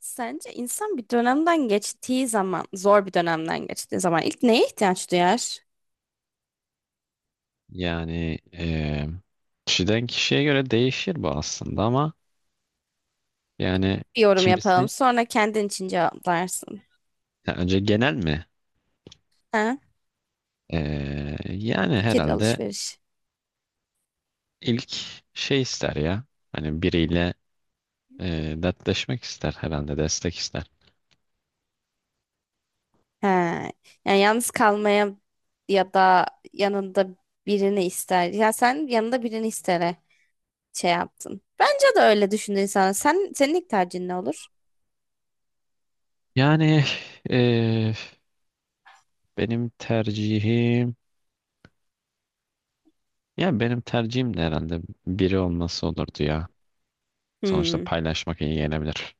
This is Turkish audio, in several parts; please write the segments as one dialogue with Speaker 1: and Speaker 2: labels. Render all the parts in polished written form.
Speaker 1: Sence insan bir dönemden geçtiği zaman, zor bir dönemden geçtiği zaman ilk neye ihtiyaç duyar?
Speaker 2: Yani kişiden kişiye göre değişir bu aslında ama yani
Speaker 1: Bir yorum yapalım.
Speaker 2: kimisi,
Speaker 1: Sonra kendin için cevaplarsın.
Speaker 2: ya önce genel mi?
Speaker 1: Ha?
Speaker 2: Yani
Speaker 1: Fikir
Speaker 2: herhalde
Speaker 1: alışveriş.
Speaker 2: ilk şey ister ya. Hani biriyle dertleşmek ister herhalde, destek ister.
Speaker 1: Ha. Yani yalnız kalmaya ya da yanında birini ister. Ya sen yanında birini istere şey yaptın. Bence de öyle düşündü insan. Sen, senin ilk tercihin ne olur?
Speaker 2: Yani eee, benim tercihim, benim tercihim de herhalde biri olması olurdu ya. Sonuçta
Speaker 1: Hmm.
Speaker 2: paylaşmak iyi gelebilir.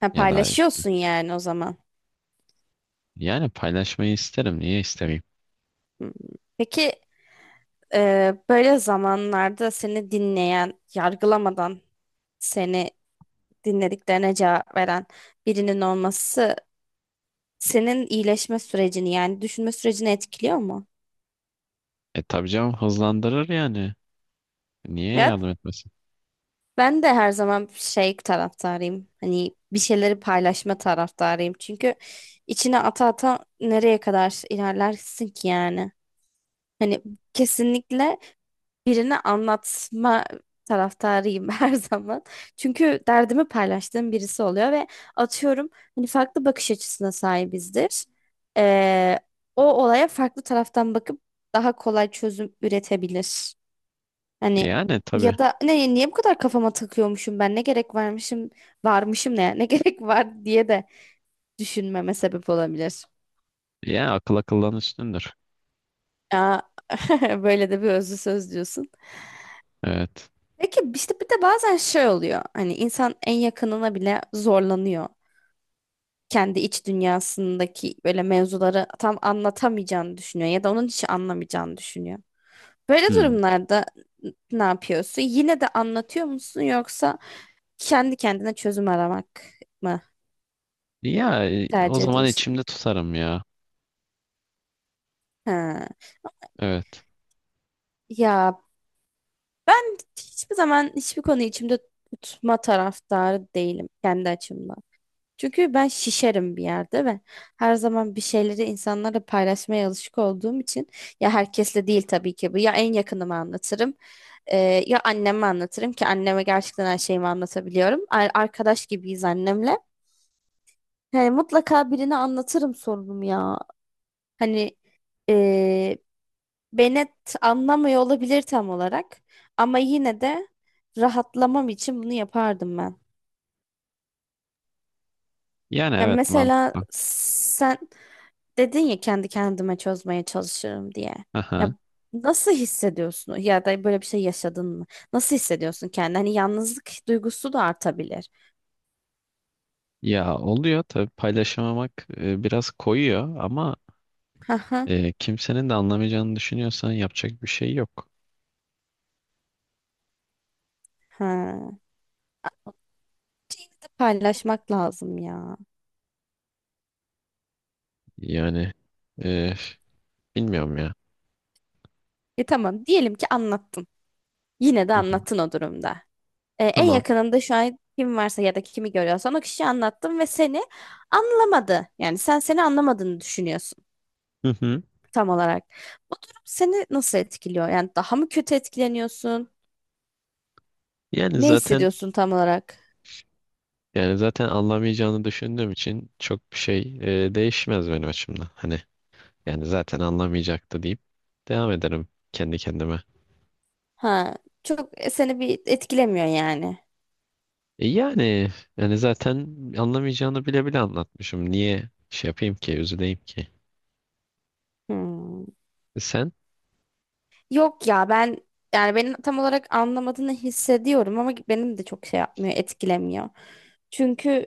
Speaker 1: Ha,
Speaker 2: Ya da işte-
Speaker 1: paylaşıyorsun yani o zaman.
Speaker 2: yani paylaşmayı isterim. Niye istemeyeyim?
Speaker 1: Hmm. Peki böyle zamanlarda seni dinleyen, yargılamadan seni dinlediklerine cevap veren birinin olması senin iyileşme sürecini yani düşünme sürecini etkiliyor mu?
Speaker 2: E tabii canım, hızlandırır yani. Niye
Speaker 1: Ya
Speaker 2: yardım etmesin?
Speaker 1: ben de her zaman şey taraftarıyım. Hani bir şeyleri paylaşma taraftarıyım. Çünkü içine ata ata nereye kadar ilerlersin ki yani? Hani kesinlikle birine anlatma taraftarıyım her zaman. Çünkü derdimi paylaştığım birisi oluyor ve atıyorum hani farklı bakış açısına sahibizdir. Ee, O olaya farklı taraftan bakıp daha kolay çözüm üretebilir. Hani
Speaker 2: Yani tabii.
Speaker 1: ya da ne niye bu kadar kafama takıyormuşum ben ne gerek varmışım ne gerek var diye de düşünmeme sebep olabilir.
Speaker 2: Ya akıl akıldan üstündür.
Speaker 1: Aa, böyle de bir özlü söz diyorsun.
Speaker 2: Evet.
Speaker 1: Peki işte bir de bazen şey oluyor. Hani insan en yakınına bile zorlanıyor. Kendi iç dünyasındaki böyle mevzuları tam anlatamayacağını düşünüyor ya da onun hiç anlamayacağını düşünüyor. Böyle
Speaker 2: Hmm.
Speaker 1: durumlarda ne yapıyorsun? Yine de anlatıyor musun yoksa kendi kendine çözüm aramak mı
Speaker 2: Ya o
Speaker 1: tercih
Speaker 2: zaman
Speaker 1: ediyorsun?
Speaker 2: içimde tutarım ya.
Speaker 1: Ha.
Speaker 2: Evet.
Speaker 1: Ya ben hiçbir zaman hiçbir konuyu içimde tutma taraftarı değilim kendi açımdan. Çünkü ben şişerim bir yerde ve her zaman bir şeyleri insanlarla paylaşmaya alışık olduğum için ya herkesle değil tabii ki bu ya en yakınıma anlatırım e, ya anneme anlatırım ki anneme gerçekten her şeyimi anlatabiliyorum. Arkadaş gibiyiz annemle. Yani mutlaka birine anlatırım sorunumu ya. Hani e, beni anlamıyor olabilir tam olarak ama yine de rahatlamam için bunu yapardım ben.
Speaker 2: Yani
Speaker 1: Ya
Speaker 2: evet,
Speaker 1: mesela
Speaker 2: mantıklı.
Speaker 1: sen dedin ya kendi kendime çözmeye çalışırım diye. Ya
Speaker 2: Aha.
Speaker 1: nasıl hissediyorsun? Ya da böyle bir şey yaşadın mı? Nasıl hissediyorsun kendini? Hani yalnızlık duygusu da artabilir.
Speaker 2: Ya oluyor tabii, paylaşamamak biraz koyuyor ama
Speaker 1: Hı hı.
Speaker 2: kimsenin de anlamayacağını düşünüyorsan yapacak bir şey yok.
Speaker 1: Ha. Yine de paylaşmak lazım ya.
Speaker 2: Yani e, bilmiyorum ya.
Speaker 1: E tamam diyelim ki anlattın. Yine de
Speaker 2: Hı hı.
Speaker 1: anlattın o durumda. E, en
Speaker 2: Tamam.
Speaker 1: yakınında şu an kim varsa ya da kimi görüyorsan o kişiyi anlattın ve seni anlamadı. Yani sen seni anlamadığını düşünüyorsun
Speaker 2: Hı hı.
Speaker 1: tam olarak. Bu durum seni nasıl etkiliyor? Yani daha mı kötü etkileniyorsun?
Speaker 2: Yani
Speaker 1: Ne
Speaker 2: zaten
Speaker 1: hissediyorsun tam olarak?
Speaker 2: yani zaten anlamayacağını düşündüğüm için çok bir şey değişmez benim açımdan. Hani, yani zaten anlamayacaktı deyip devam ederim kendi kendime.
Speaker 1: Ha, çok seni bir etkilemiyor yani.
Speaker 2: E yani yani zaten anlamayacağını bile bile anlatmışım. Niye şey yapayım ki, üzüleyim ki?
Speaker 1: Hmm.
Speaker 2: E sen,
Speaker 1: Yok ya ben yani benim tam olarak anlamadığını hissediyorum ama benim de çok şey yapmıyor, etkilemiyor. Çünkü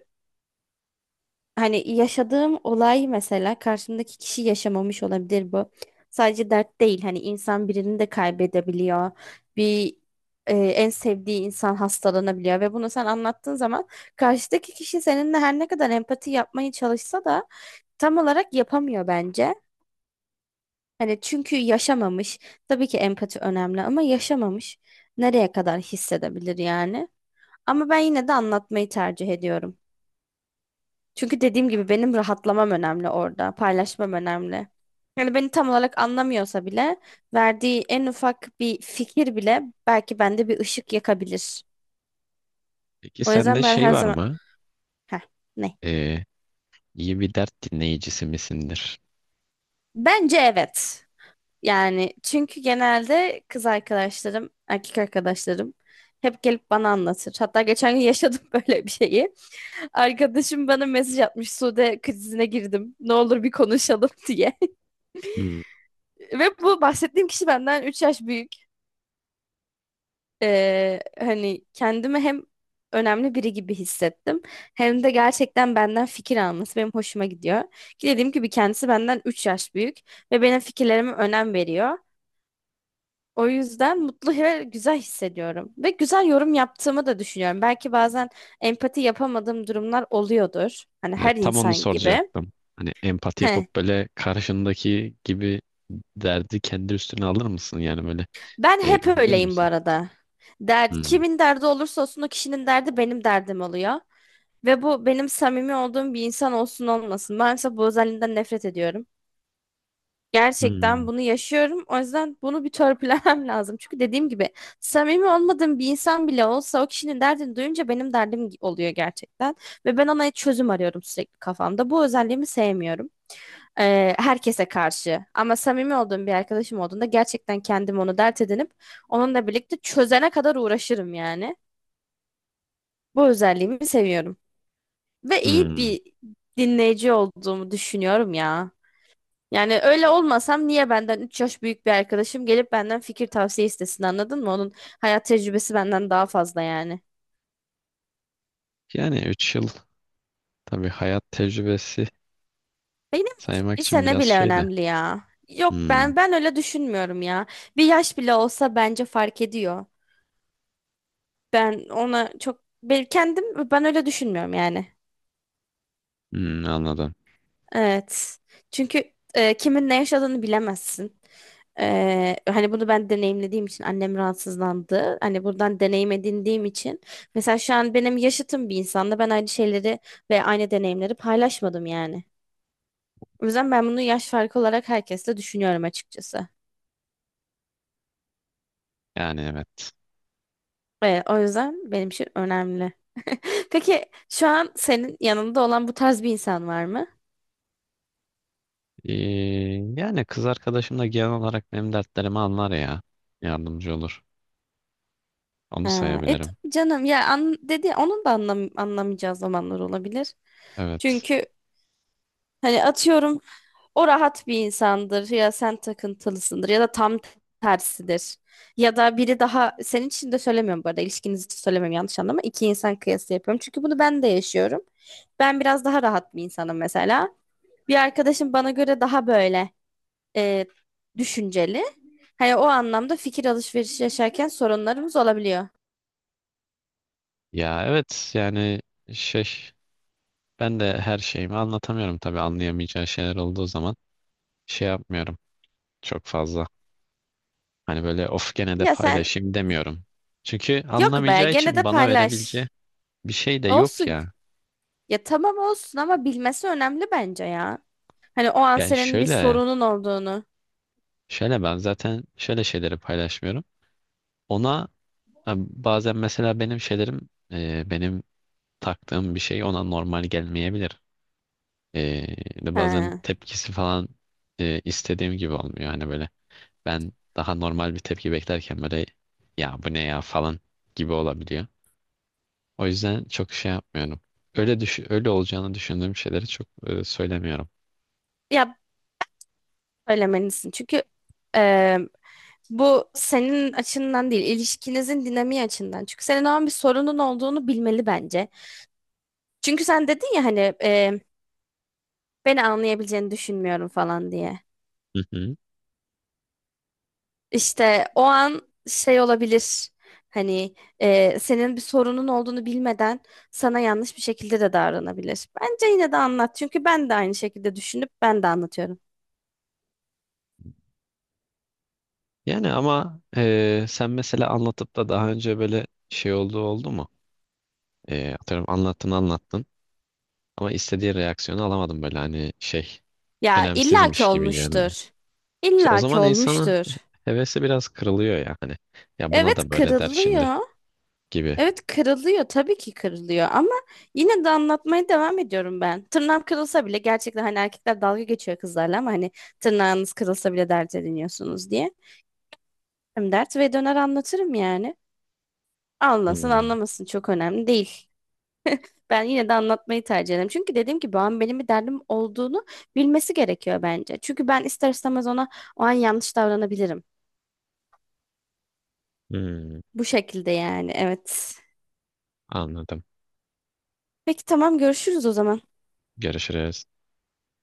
Speaker 1: hani yaşadığım olay mesela karşımdaki kişi yaşamamış olabilir bu. Sadece dert değil hani insan birini de kaybedebiliyor. Bir en sevdiği insan hastalanabiliyor ve bunu sen anlattığın zaman karşıdaki kişi seninle her ne kadar empati yapmaya çalışsa da tam olarak yapamıyor bence. Hani çünkü yaşamamış. Tabii ki empati önemli ama yaşamamış. Nereye kadar hissedebilir yani? Ama ben yine de anlatmayı tercih ediyorum. Çünkü dediğim gibi benim rahatlamam önemli orada, paylaşmam önemli. Yani beni tam olarak anlamıyorsa bile verdiği en ufak bir fikir bile belki bende bir ışık yakabilir.
Speaker 2: peki
Speaker 1: O
Speaker 2: sende
Speaker 1: yüzden ben
Speaker 2: şey
Speaker 1: her
Speaker 2: var
Speaker 1: zaman...
Speaker 2: mı?
Speaker 1: Heh, ne?
Speaker 2: E, iyi bir dert dinleyicisi misindir?
Speaker 1: Bence evet. Yani çünkü genelde kız arkadaşlarım, erkek arkadaşlarım hep gelip bana anlatır. Hatta geçen gün yaşadım böyle bir şeyi. Arkadaşım bana mesaj atmış. Sude krizine girdim. Ne olur bir konuşalım diye.
Speaker 2: Hmm.
Speaker 1: Ve bu bahsettiğim kişi benden 3 yaş büyük. Hani kendimi hem önemli biri gibi hissettim. Hem de gerçekten benden fikir alması benim hoşuma gidiyor. Ki dediğim gibi kendisi benden 3 yaş büyük ve benim fikirlerime önem veriyor. O yüzden mutlu ve güzel hissediyorum. Ve güzel yorum yaptığımı da düşünüyorum. Belki bazen empati yapamadığım durumlar oluyordur. Hani
Speaker 2: E,
Speaker 1: her
Speaker 2: tam onu
Speaker 1: insan gibi.
Speaker 2: soracaktım. Hani empati
Speaker 1: Heh.
Speaker 2: yapıp böyle karşındaki gibi derdi kendi üstüne alır mısın? Yani böyle
Speaker 1: Ben hep
Speaker 2: üzülür
Speaker 1: öyleyim bu
Speaker 2: müsün?
Speaker 1: arada.
Speaker 2: Hmm.
Speaker 1: Kimin derdi olursa olsun o kişinin derdi benim derdim oluyor. Ve bu benim samimi olduğum bir insan olsun olmasın. Ben mesela bu özelliğinden nefret ediyorum. Gerçekten
Speaker 2: Hmm.
Speaker 1: bunu yaşıyorum. O yüzden bunu bir törpülemem lazım. Çünkü dediğim gibi samimi olmadığım bir insan bile olsa o kişinin derdini duyunca benim derdim oluyor gerçekten. Ve ben ona çözüm arıyorum sürekli kafamda. Bu özelliğimi sevmiyorum. Herkese karşı. Ama samimi olduğum bir arkadaşım olduğunda gerçekten kendim onu dert edinip onunla birlikte çözene kadar uğraşırım yani. Bu özelliğimi seviyorum. Ve iyi
Speaker 2: Hmm.
Speaker 1: bir dinleyici olduğumu düşünüyorum ya. Yani öyle olmasam niye benden 3 yaş büyük bir arkadaşım gelip benden fikir tavsiye istesin anladın mı? Onun hayat tecrübesi benden daha fazla yani.
Speaker 2: Yani 3 yıl tabii hayat tecrübesi.
Speaker 1: Benim için
Speaker 2: Saymak
Speaker 1: bir
Speaker 2: için
Speaker 1: sene
Speaker 2: biraz
Speaker 1: bile
Speaker 2: şey de.
Speaker 1: önemli ya. Yok
Speaker 2: Hmm.
Speaker 1: ben öyle düşünmüyorum ya. Bir yaş bile olsa bence fark ediyor. Ben ona çok ben kendim ben öyle düşünmüyorum yani.
Speaker 2: Hmm, anladım.
Speaker 1: Evet. Çünkü kimin ne yaşadığını bilemezsin. E, hani bunu ben deneyimlediğim için annem rahatsızlandı. Hani buradan deneyim edindiğim için. Mesela şu an benim yaşıtım bir insanla ben aynı şeyleri ve aynı deneyimleri paylaşmadım yani. O yüzden ben bunu yaş farkı olarak herkesle düşünüyorum açıkçası.
Speaker 2: Yani evet.
Speaker 1: O yüzden benim için önemli. Peki şu an senin yanında olan bu tarz bir insan var mı?
Speaker 2: Ee, yani kız arkadaşım da genel olarak benim dertlerimi anlar ya. Yardımcı olur. Onu
Speaker 1: Ha,
Speaker 2: sayabilirim.
Speaker 1: tabii canım ya dedi onun da anlamayacağı zamanlar olabilir.
Speaker 2: Evet.
Speaker 1: Çünkü hani atıyorum o rahat bir insandır ya sen takıntılısındır ya da tam tersidir. Ya da biri daha senin için de söylemiyorum bu arada ilişkiniz için söylemiyorum yanlış anlama. İki insan kıyası yapıyorum çünkü bunu ben de yaşıyorum. Ben biraz daha rahat bir insanım mesela. Bir arkadaşım bana göre daha böyle e, düşünceli. Hani o anlamda fikir alışverişi yaşarken sorunlarımız olabiliyor.
Speaker 2: Ya evet, yani şey, ben de her şeyimi anlatamıyorum tabii, anlayamayacağı şeyler olduğu zaman şey yapmıyorum çok fazla. Hani böyle of, gene de
Speaker 1: Ya sen
Speaker 2: paylaşayım demiyorum. Çünkü
Speaker 1: Yok be
Speaker 2: anlamayacağı
Speaker 1: gene
Speaker 2: için
Speaker 1: de
Speaker 2: bana
Speaker 1: paylaş.
Speaker 2: verebileceği bir şey de yok
Speaker 1: Olsun.
Speaker 2: ya.
Speaker 1: Ya tamam olsun ama bilmesi önemli bence ya. Hani o an
Speaker 2: Yani
Speaker 1: senin bir
Speaker 2: şöyle,
Speaker 1: sorunun olduğunu
Speaker 2: şöyle ben zaten şöyle şeyleri paylaşmıyorum. Ona, e, bazen mesela benim şeylerim, benim taktığım bir şey ona normal gelmeyebilir. E, de bazen
Speaker 1: he,
Speaker 2: tepkisi falan istediğim gibi olmuyor. Hani böyle ben daha normal bir tepki beklerken böyle ya bu ne ya falan gibi olabiliyor. O yüzden çok şey yapmıyorum. Öyle düş öyle olacağını düşündüğüm şeyleri çok söylemiyorum.
Speaker 1: ya söylemelisin. Çünkü e, bu senin açından değil, ilişkinizin dinamiği açından. Çünkü senin o an bir sorunun olduğunu bilmeli bence. Çünkü sen dedin ya hani beni anlayabileceğini düşünmüyorum falan diye.
Speaker 2: Hı hı.
Speaker 1: İşte o an şey olabilir. Hani senin bir sorunun olduğunu bilmeden sana yanlış bir şekilde de davranabilir. Bence yine de anlat. Çünkü ben de aynı şekilde düşünüp ben de anlatıyorum.
Speaker 2: Yani ama sen mesela anlatıp da daha önce böyle şey olduğu oldu mu? Atıyorum anlattın anlattın. Ama istediği reaksiyonu alamadım, böyle hani şey
Speaker 1: Ya illaki
Speaker 2: önemsizmiş gibi geldi.
Speaker 1: olmuştur.
Speaker 2: İşte o
Speaker 1: İllaki
Speaker 2: zaman insanın
Speaker 1: olmuştur.
Speaker 2: hevesi biraz kırılıyor yani. Ya buna
Speaker 1: Evet
Speaker 2: da böyle der şimdi
Speaker 1: kırılıyor.
Speaker 2: gibi.
Speaker 1: Evet kırılıyor. Tabii ki kırılıyor ama yine de anlatmaya devam ediyorum ben. Tırnağım kırılsa bile gerçekten hani erkekler dalga geçiyor kızlarla ama hani tırnağınız kırılsa bile dert ediniyorsunuz diye. Hem dert ve döner anlatırım yani. Anlasın
Speaker 2: Hmm.
Speaker 1: anlamasın çok önemli değil. Ben yine de anlatmayı tercih ederim. Çünkü dediğim gibi o an benim bir derdim olduğunu bilmesi gerekiyor bence. Çünkü ben ister istemez ona o an yanlış davranabilirim.
Speaker 2: Hmm,
Speaker 1: Bu şekilde yani evet.
Speaker 2: anladım.
Speaker 1: Peki tamam görüşürüz o zaman.
Speaker 2: Görüşürüz.